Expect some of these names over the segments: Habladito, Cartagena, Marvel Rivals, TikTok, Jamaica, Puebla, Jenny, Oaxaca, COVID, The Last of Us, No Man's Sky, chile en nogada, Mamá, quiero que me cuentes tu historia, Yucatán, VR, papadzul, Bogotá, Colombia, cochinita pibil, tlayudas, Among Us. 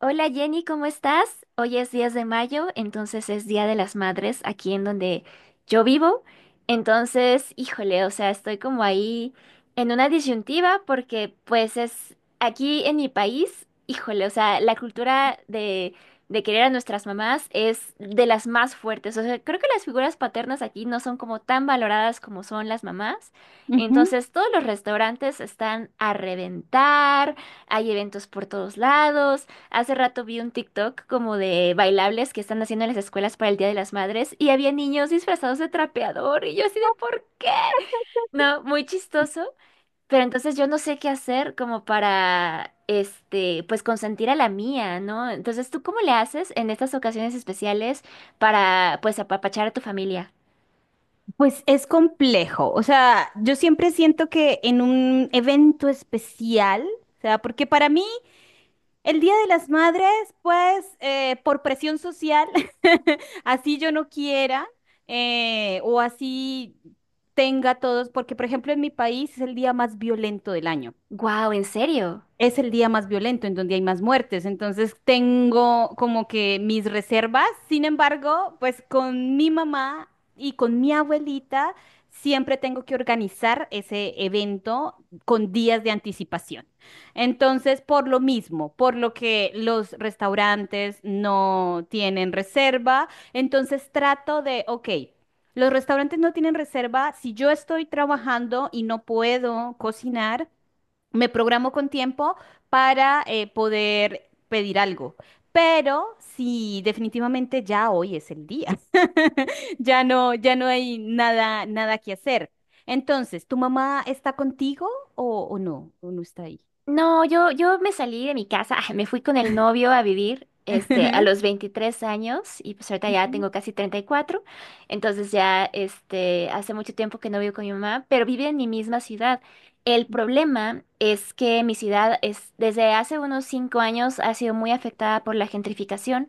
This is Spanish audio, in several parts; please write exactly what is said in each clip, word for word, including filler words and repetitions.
Hola Jenny, ¿cómo estás? Hoy es diez de mayo, entonces es Día de las Madres aquí en donde yo vivo. Entonces, híjole, o sea, estoy como ahí en una disyuntiva porque pues es aquí en mi país, híjole, o sea, la cultura de, de querer a nuestras mamás es de las más fuertes. O sea, creo que las figuras paternas aquí no son como tan valoradas como son las mamás. Ujú. Entonces, todos los restaurantes están a reventar, hay eventos por todos lados. Hace rato vi un TikTok como de bailables que están haciendo en las escuelas para el Día de las Madres y había niños disfrazados de trapeador y yo así de ¿por qué? No, muy chistoso. Pero entonces yo no sé qué hacer como para, este, pues consentir a la mía, ¿no? Entonces, ¿tú cómo le haces en estas ocasiones especiales para, pues, apapachar a tu familia? Pues es complejo, o sea, yo siempre siento que en un evento especial, o sea, porque para mí el Día de las Madres, pues eh, por presión social, así yo no quiera eh, o así tenga todos, porque por ejemplo en mi país es el día más violento del año. Wow, ¿en serio? Es el día más violento, en donde hay más muertes. Entonces tengo como que mis reservas. Sin embargo, pues con mi mamá y con mi abuelita siempre tengo que organizar ese evento con días de anticipación. Entonces, por lo mismo, por lo que los restaurantes no tienen reserva, entonces trato de, ok. Los restaurantes no tienen reserva. Si yo estoy trabajando y no puedo cocinar, me programo con tiempo para eh, poder pedir algo. Pero sí, definitivamente ya hoy es el día. Ya no, ya no hay nada, nada que hacer. Entonces, ¿tu mamá está contigo o, o no? ¿O no está ahí? No, yo, yo me salí de mi casa, ah, me fui con el novio a vivir, este, a los veintitrés años y pues ahorita ya Ujú, tengo casi treinta y cuatro. Entonces ya, este, hace mucho tiempo que no vivo con mi mamá, pero vive en mi misma ciudad. El problema es que mi ciudad es, desde hace unos cinco años ha sido muy afectada por la gentrificación,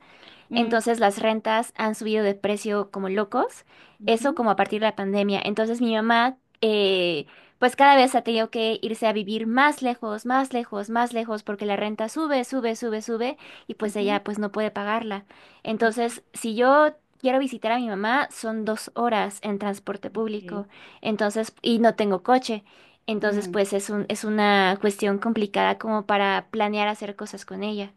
ujú, mm, entonces las rentas han subido de precio como locos, eso ujú, como a partir de la pandemia, entonces mi mamá... eh, pues cada vez ha tenido que irse a vivir más lejos, más lejos, más lejos, porque la renta sube, sube, sube, sube, y pues ujú, ella pues no puede pagarla. ujú, Entonces, si yo quiero visitar a mi mamá, son dos horas en transporte ok, público, entonces, y no tengo coche. Entonces, mm. pues es un, es una cuestión complicada como para planear hacer cosas con ella.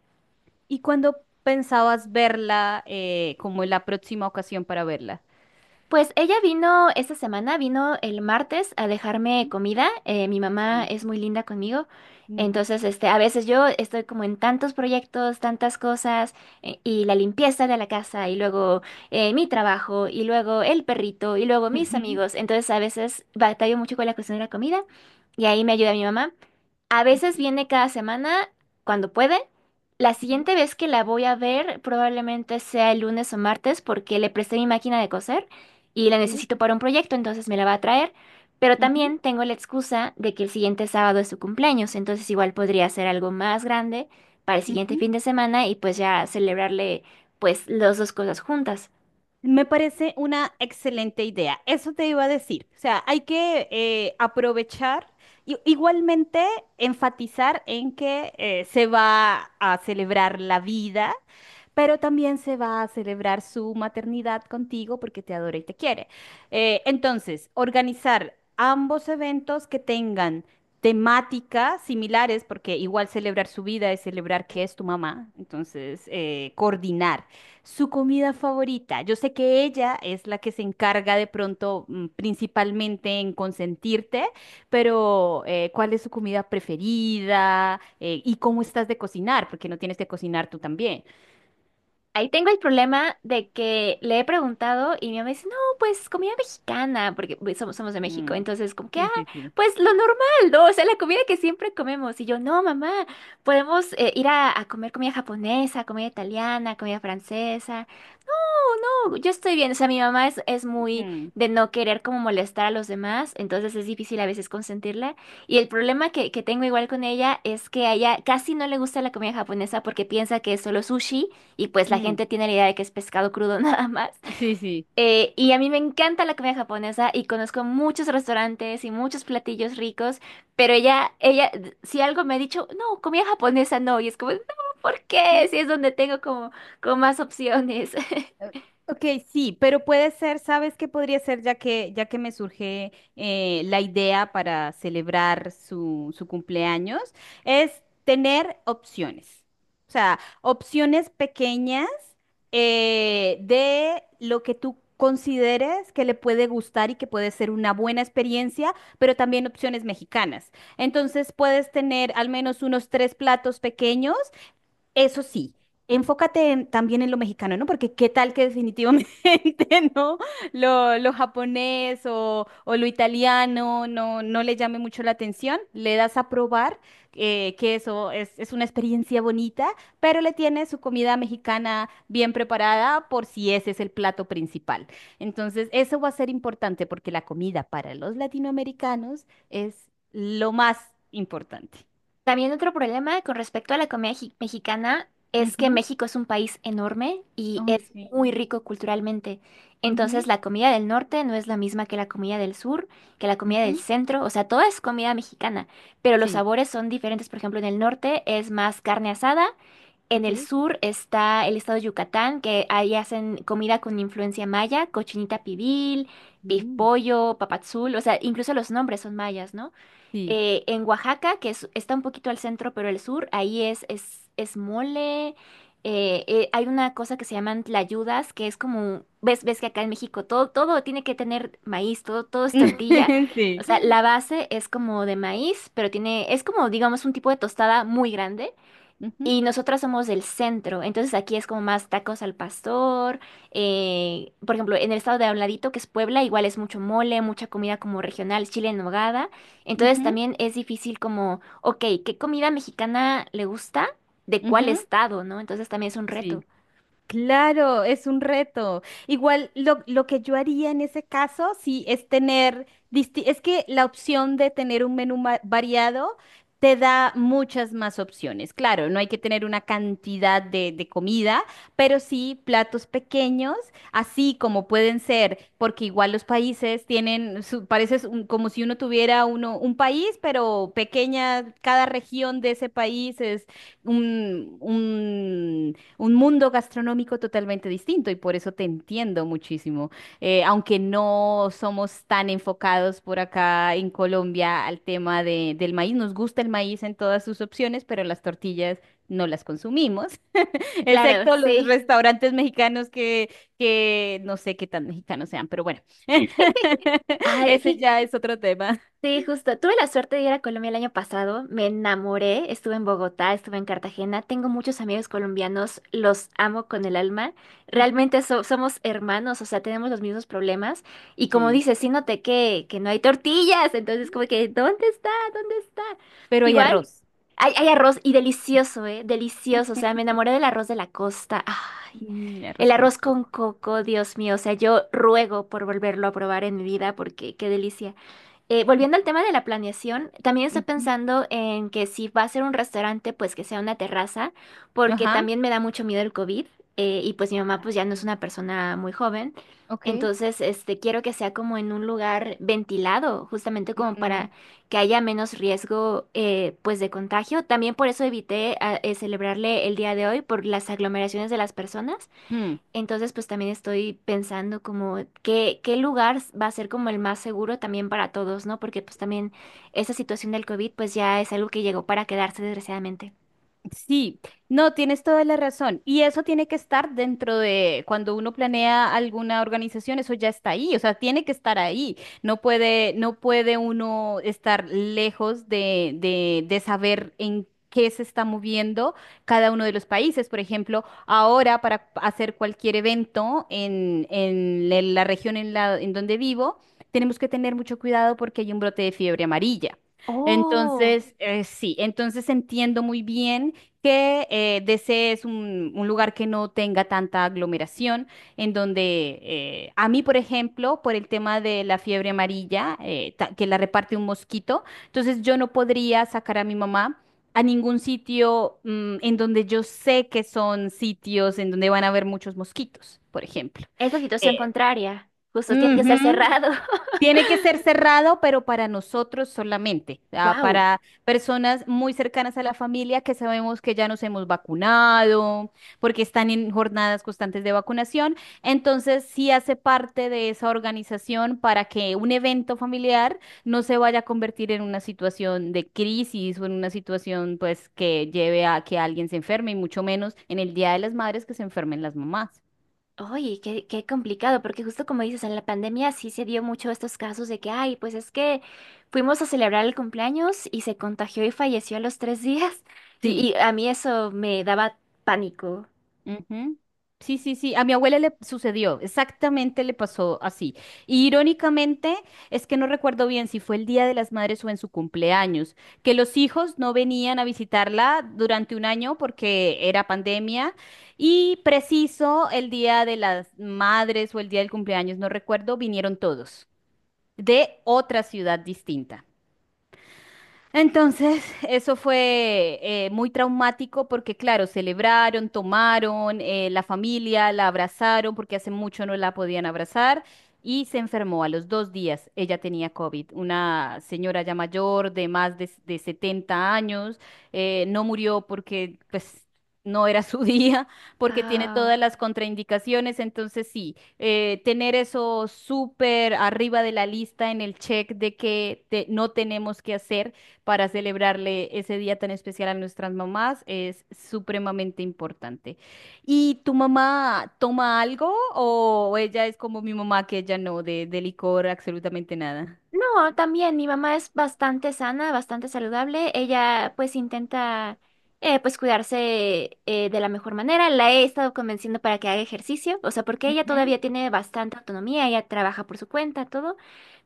¿Y cuándo pensabas verla eh, como la próxima ocasión para verla? Pues ella vino esta semana, vino el martes a dejarme Mm. comida. Eh, mi mamá Sí. es muy linda conmigo. Mm. Entonces, este, a veces yo estoy como en tantos proyectos, tantas cosas, eh, y la limpieza de la casa, y luego eh, mi trabajo, y luego el perrito, y luego mis amigos. Entonces, a veces batallo mucho con la cuestión de la comida, y ahí me ayuda mi mamá. A Ujú, veces ok, viene cada semana, cuando puede. La sí, siguiente vez que la voy a ver probablemente sea el lunes o martes porque le presté mi máquina de coser y la ok. necesito para un proyecto, entonces me la va a traer. Pero Ujú, también tengo la excusa de que el siguiente sábado es su cumpleaños, entonces igual podría hacer algo más grande para el siguiente ujú. fin de semana y pues ya celebrarle pues las dos cosas juntas. Me parece una excelente idea. Eso te iba a decir. O sea, hay que eh, aprovechar y igualmente enfatizar en que eh, se va a celebrar la vida, pero también se va a celebrar su maternidad contigo porque te adora y te quiere. Eh, entonces, organizar ambos eventos que tengan temáticas similares, porque igual celebrar su vida es celebrar que es tu mamá. Entonces, eh, coordinar. Su comida favorita. Yo sé que ella es la que se encarga de pronto mm, principalmente en consentirte, pero eh, ¿cuál es su comida preferida? Eh, ¿y cómo estás de cocinar? Porque no tienes que cocinar tú también. Ahí tengo el problema de que le he preguntado y mi mamá dice, no, pues comida mexicana, porque pues, somos, somos de México, Mm. entonces como que, ah, Sí, sí, sí. pues lo normal, ¿no? O sea, la comida que siempre comemos. Y yo, no, mamá, podemos eh, ir a, a comer comida japonesa, comida italiana, comida francesa. Yo estoy bien, o sea, mi mamá es, es muy Mm, de no querer como molestar a los demás, entonces es difícil a veces consentirla. Y el problema que, que tengo igual con ella es que a ella casi no le gusta la comida japonesa porque piensa que es solo sushi y pues la mm. gente tiene la idea de que es pescado crudo nada más. Sí, sí. Eh, y a mí me encanta la comida japonesa y conozco muchos restaurantes y muchos platillos ricos, pero ella, ella, si algo me ha dicho, no, comida japonesa no, y es como, no, ¿por qué? Si es donde tengo como, como más opciones. Eh, Ok, sí, pero puede ser, ¿sabes qué podría ser? Ya que, ya que me surge eh, la idea para celebrar su, su cumpleaños, es tener opciones. O sea, opciones pequeñas eh, de lo que tú consideres que le puede gustar y que puede ser una buena experiencia, pero también opciones mexicanas. Entonces puedes tener al menos unos tres platos pequeños, eso sí, enfócate en- también en lo mexicano, ¿no? Porque qué tal que definitivamente, ¿no? Lo, lo japonés o, o lo italiano no, no le llame mucho la atención. Le das a probar eh, que eso es, es una experiencia bonita, pero le tienes su comida mexicana bien preparada por si ese es el plato principal. Entonces, eso va a ser importante porque la comida para los latinoamericanos es lo más importante. También otro problema con respecto a la comida ji- mexicana es que Ujú. México es un país enorme y Ay, es muy sí. rico culturalmente. Ujú. Entonces la comida del norte no es la misma que la comida del sur, que la comida del Ujú, centro, o sea, toda es comida mexicana, pero los sí, sabores son diferentes. Por ejemplo, en el norte es más carne asada, en el ¿ok? sur está el estado de Yucatán, que ahí hacen comida con influencia maya, cochinita pibil, pif Mm, pollo, papadzul, o sea, incluso los nombres son mayas, ¿no? sí, Eh, en Oaxaca, que es- está un poquito al centro, pero el sur, ahí es, es, es mole. eh, eh, hay una cosa que se llaman tlayudas, que es como, ves, ves que acá en México todo, todo tiene que tener maíz, todo, todo es tortilla. O sea, sí, la base es como de maíz, pero tiene, es como, digamos, un tipo de tostada muy grande. ujú, Y nosotras somos el centro, entonces aquí es como más tacos al pastor. eh, por ejemplo, en el estado de Habladito, que es Puebla, igual es mucho mole, mucha comida como regional, chile en nogada. Entonces ujú, también es difícil como, ok, ¿qué comida mexicana le gusta? ¿De cuál ujú, estado, no? Entonces también es un reto. sí. Claro, es un reto. Igual lo, lo que yo haría en ese caso, sí, es tener, disti- es que la opción de tener un menú ma- variado te da muchas más opciones. Claro, no hay que tener una cantidad de, de comida, pero sí platos pequeños, así como pueden ser, porque igual los países tienen, su- parece es un- como si uno tuviera uno, un país, pero pequeña, cada región de ese país es un, un un mundo gastronómico totalmente distinto y por eso te entiendo muchísimo. Eh, aunque no somos tan enfocados por acá en Colombia al tema de- del maíz, nos gusta el maíz en todas sus opciones, pero las tortillas no las consumimos, Claro, excepto los sí. restaurantes mexicanos que, que no sé qué tan mexicanos sean, pero bueno, Ay, ese fí- ya es otro tema. sí, justo. Tuve la suerte de ir a Colombia el año pasado. Me enamoré. Estuve en Bogotá, estuve en Cartagena. Tengo muchos amigos colombianos. Los amo con el alma. Ujú. Realmente so- somos hermanos, o sea, tenemos los mismos problemas. Y como Sí, dices, sí noté que, que no hay tortillas. Entonces, como que, ¿dónde está? ¿Dónde está? pero hay Igual, arroz. hay, hay arroz y delicioso, ¿eh? Delicioso. O sea, me enamoré del arroz de la costa. Ah, Mm, el arroz con arroz con coco. coco, Dios mío. O sea, yo ruego por volverlo a probar en mi vida porque qué delicia. Eh, volviendo al tema de la planeación, también estoy Ujú. pensando en que si va a ser un restaurante, pues que sea una terraza, porque Ajá. también me da mucho miedo el COVID, eh, y pues mi mamá Ah, pues ya no es ok. una persona muy joven, Ok. entonces este quiero que sea como en un lugar ventilado, justamente como Mm. para que haya menos riesgo eh, pues de contagio. También por eso evité ah, eh, celebrarle el día de hoy por las aglomeraciones de las personas. Hmm. Entonces, pues también estoy pensando como qué, qué lugar va a ser como el más seguro también para todos, ¿no? Porque pues también esa situación del COVID pues ya es algo que llegó para quedarse desgraciadamente. Sí, no, tienes toda la razón. Y eso tiene que estar dentro de cuando uno planea alguna organización, eso ya está ahí, o sea, tiene que estar ahí. No puede, no puede uno estar lejos de, de, de saber en qué se está moviendo cada uno de los países. Por ejemplo, ahora para hacer cualquier evento en, en la la región en la, en donde vivo, tenemos que tener mucho cuidado porque hay un brote de fiebre amarilla. Oh, Entonces, eh, sí, entonces entiendo muy bien que eh, desees un, un lugar que no tenga tanta aglomeración, en donde eh, a mí, por ejemplo, por el tema de la fiebre amarilla, eh, ta- que la reparte un mosquito, entonces yo no podría sacar a mi mamá a ningún sitio mm, en donde yo sé que son sitios en donde van a haber muchos mosquitos, por ejemplo. es la situación Eh, contraria. Justo tiene que ser ujú, cerrado. tiene que ser cerrado, pero para nosotros solamente, ah, Wow. para personas muy cercanas a la familia que sabemos que ya nos hemos vacunado, porque están en jornadas constantes de vacunación. Entonces, sí hace parte de esa organización para que un evento familiar no se vaya a convertir en una situación de crisis o en una situación pues que lleve a que alguien se enferme y mucho menos en el Día de las Madres que se enfermen las mamás. Oye, qué, qué complicado, porque justo como dices, en la pandemia sí se dio mucho estos casos de que, ay, pues es que fuimos a celebrar el cumpleaños y se contagió y falleció a los tres días. Y, y a mí eso me daba pánico. Ujú. Sí, sí, sí. A mi abuela le sucedió, exactamente le pasó así. Y irónicamente, es que no recuerdo bien si fue el Día de las Madres o en su cumpleaños, que los hijos no venían a visitarla durante un año porque era pandemia y preciso el Día de las Madres o el Día del cumpleaños, no recuerdo, vinieron todos de otra ciudad distinta. Entonces, eso fue eh, muy traumático porque, claro, celebraron, tomaron, eh, la familia la abrazaron porque hace mucho no la podían abrazar y se enfermó a los dos días. Ella tenía COVID, una señora ya mayor de más de, de setenta años, eh, no murió porque, pues, no era su día, porque tiene Ah. todas las contraindicaciones. Entonces, sí, eh, tener eso súper arriba de la lista en el check de que te- no tenemos que hacer para celebrarle ese día tan especial a nuestras mamás es supremamente importante. ¿Y tu mamá toma algo o ella es como mi mamá que ella no, de, de licor absolutamente nada? No, también mi mamá es bastante sana, bastante saludable. Ella pues intenta eh, pues cuidarse eh, de la mejor manera. La he estado convenciendo para que haga ejercicio, o sea, porque ella Ujú. todavía tiene bastante autonomía, ella trabaja por su cuenta, todo,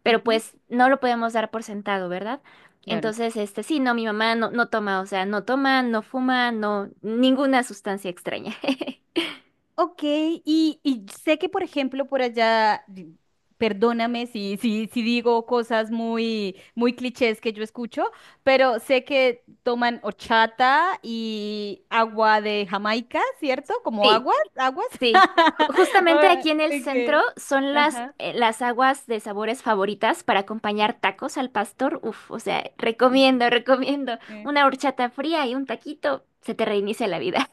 pero Ujú, pues no lo podemos dar por sentado, ¿verdad? claro. Entonces, este, sí, no, mi mamá no, no toma, o sea, no toma, no fuma, no, ninguna sustancia extraña. Ok, y, y sé que, por ejemplo, por allá, di- perdóname si, si, si digo cosas muy, muy clichés que yo escucho, pero sé que toman horchata y agua de Jamaica, ¿cierto? Como Sí. aguas, aguas. Sí, ju- justamente Ah, aquí en el centro ok, son las, ajá. eh, las aguas de sabores favoritas para acompañar tacos al pastor. Uf, o sea, recomiendo, recomiendo una horchata fría y un taquito, se te reinicia la vida.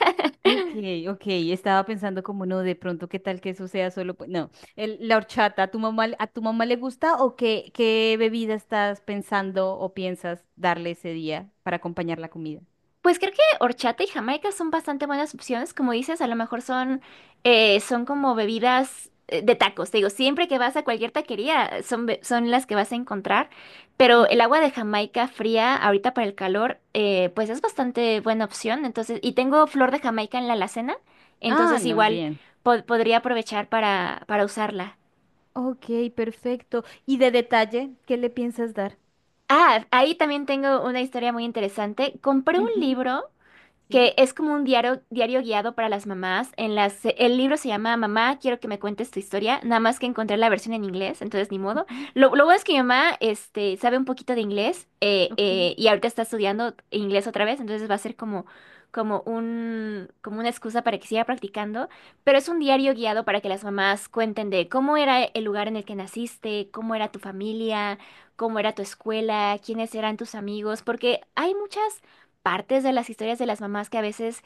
Ok, ok, estaba pensando como no, de pronto qué tal que eso sea solo, pues, no, el- la horchata, ¿a tu mamá, a tu mamá le gusta o qué, qué bebida estás pensando o piensas darle ese día para acompañar la comida? Pues creo que horchata y jamaica son bastante buenas opciones, como dices, a lo mejor son, eh, son como bebidas eh, de tacos, te digo, siempre que vas a cualquier taquería eh, son, be- son las que vas a encontrar, pero Ujú. el agua de Jamaica fría ahorita para el calor, eh, pues es bastante buena opción, entonces, y tengo flor de Jamaica en la alacena, Ah, entonces no, igual bien. po- podría aprovechar para, para usarla. Ok, perfecto. ¿Y de detalle, qué le piensas dar? Ah, ahí también tengo una historia muy interesante, compré un Ujú. libro Sí. que es como un diario, diario guiado para las mamás. En las, el libro se llama Mamá, quiero que me cuentes tu historia, nada más que encontré la versión en inglés, entonces ni modo. Ujú. Lo, lo bueno es que mi mamá este, sabe un poquito de inglés eh, Ok. eh, y ahorita está estudiando inglés otra vez, entonces va a ser como, como un, como una excusa para que siga practicando, pero es un diario guiado para que las mamás cuenten de cómo era el lugar en el que naciste, cómo era tu familia, cómo era tu escuela, quiénes eran tus amigos, porque hay muchas partes de las historias de las mamás que a veces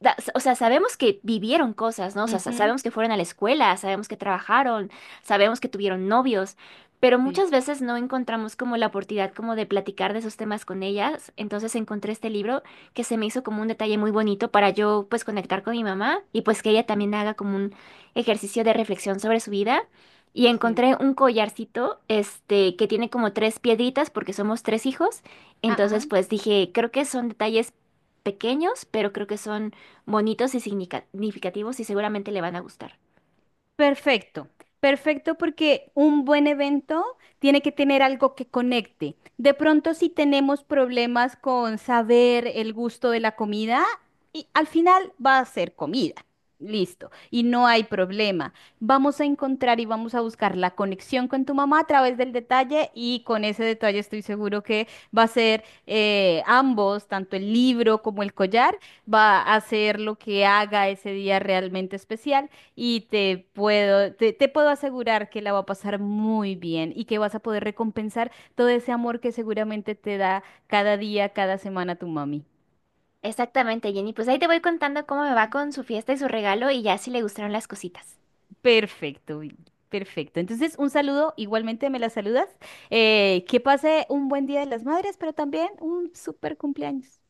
da- o sea, sabemos que vivieron cosas, ¿no? O sea, sa- Ujú. sabemos que fueron a la escuela, sabemos que trabajaron, sabemos que tuvieron novios, pero Sí, muchas veces no encontramos como la oportunidad como de platicar de esos temas con ellas. Entonces encontré este libro que se me hizo como un detalle muy bonito para yo pues conectar con mi mamá y pues que ella también haga como un ejercicio de reflexión sobre su vida. Y sí. encontré un collarcito, este, que tiene como tres piedritas porque somos tres hijos. Ah, ah. Entonces, pues dije, creo que son detalles pequeños, pero creo que son bonitos y signica- significativos y seguramente le van a gustar. Perfecto, perfecto porque un buen evento tiene que tener algo que conecte. De pronto si tenemos problemas con saber el gusto de la comida, y al final va a ser comida. Listo, y no hay problema. Vamos a encontrar y vamos a buscar la conexión con tu mamá a través del detalle y con ese detalle estoy seguro que va a ser eh, ambos, tanto el libro como el collar, va a hacer lo que haga ese día realmente especial. Y te puedo, te, te puedo asegurar que la va a pasar muy bien y que vas a poder recompensar todo ese amor que seguramente te da cada día, cada semana tu mami. Exactamente, Jenny. Pues ahí te voy contando cómo me va con su fiesta y su regalo y ya si le gustaron las cositas. Perfecto, Vicky, perfecto. Entonces, un saludo, igualmente me la saludas. Eh, que pase un buen Día de las Madres, pero también un súper cumpleaños.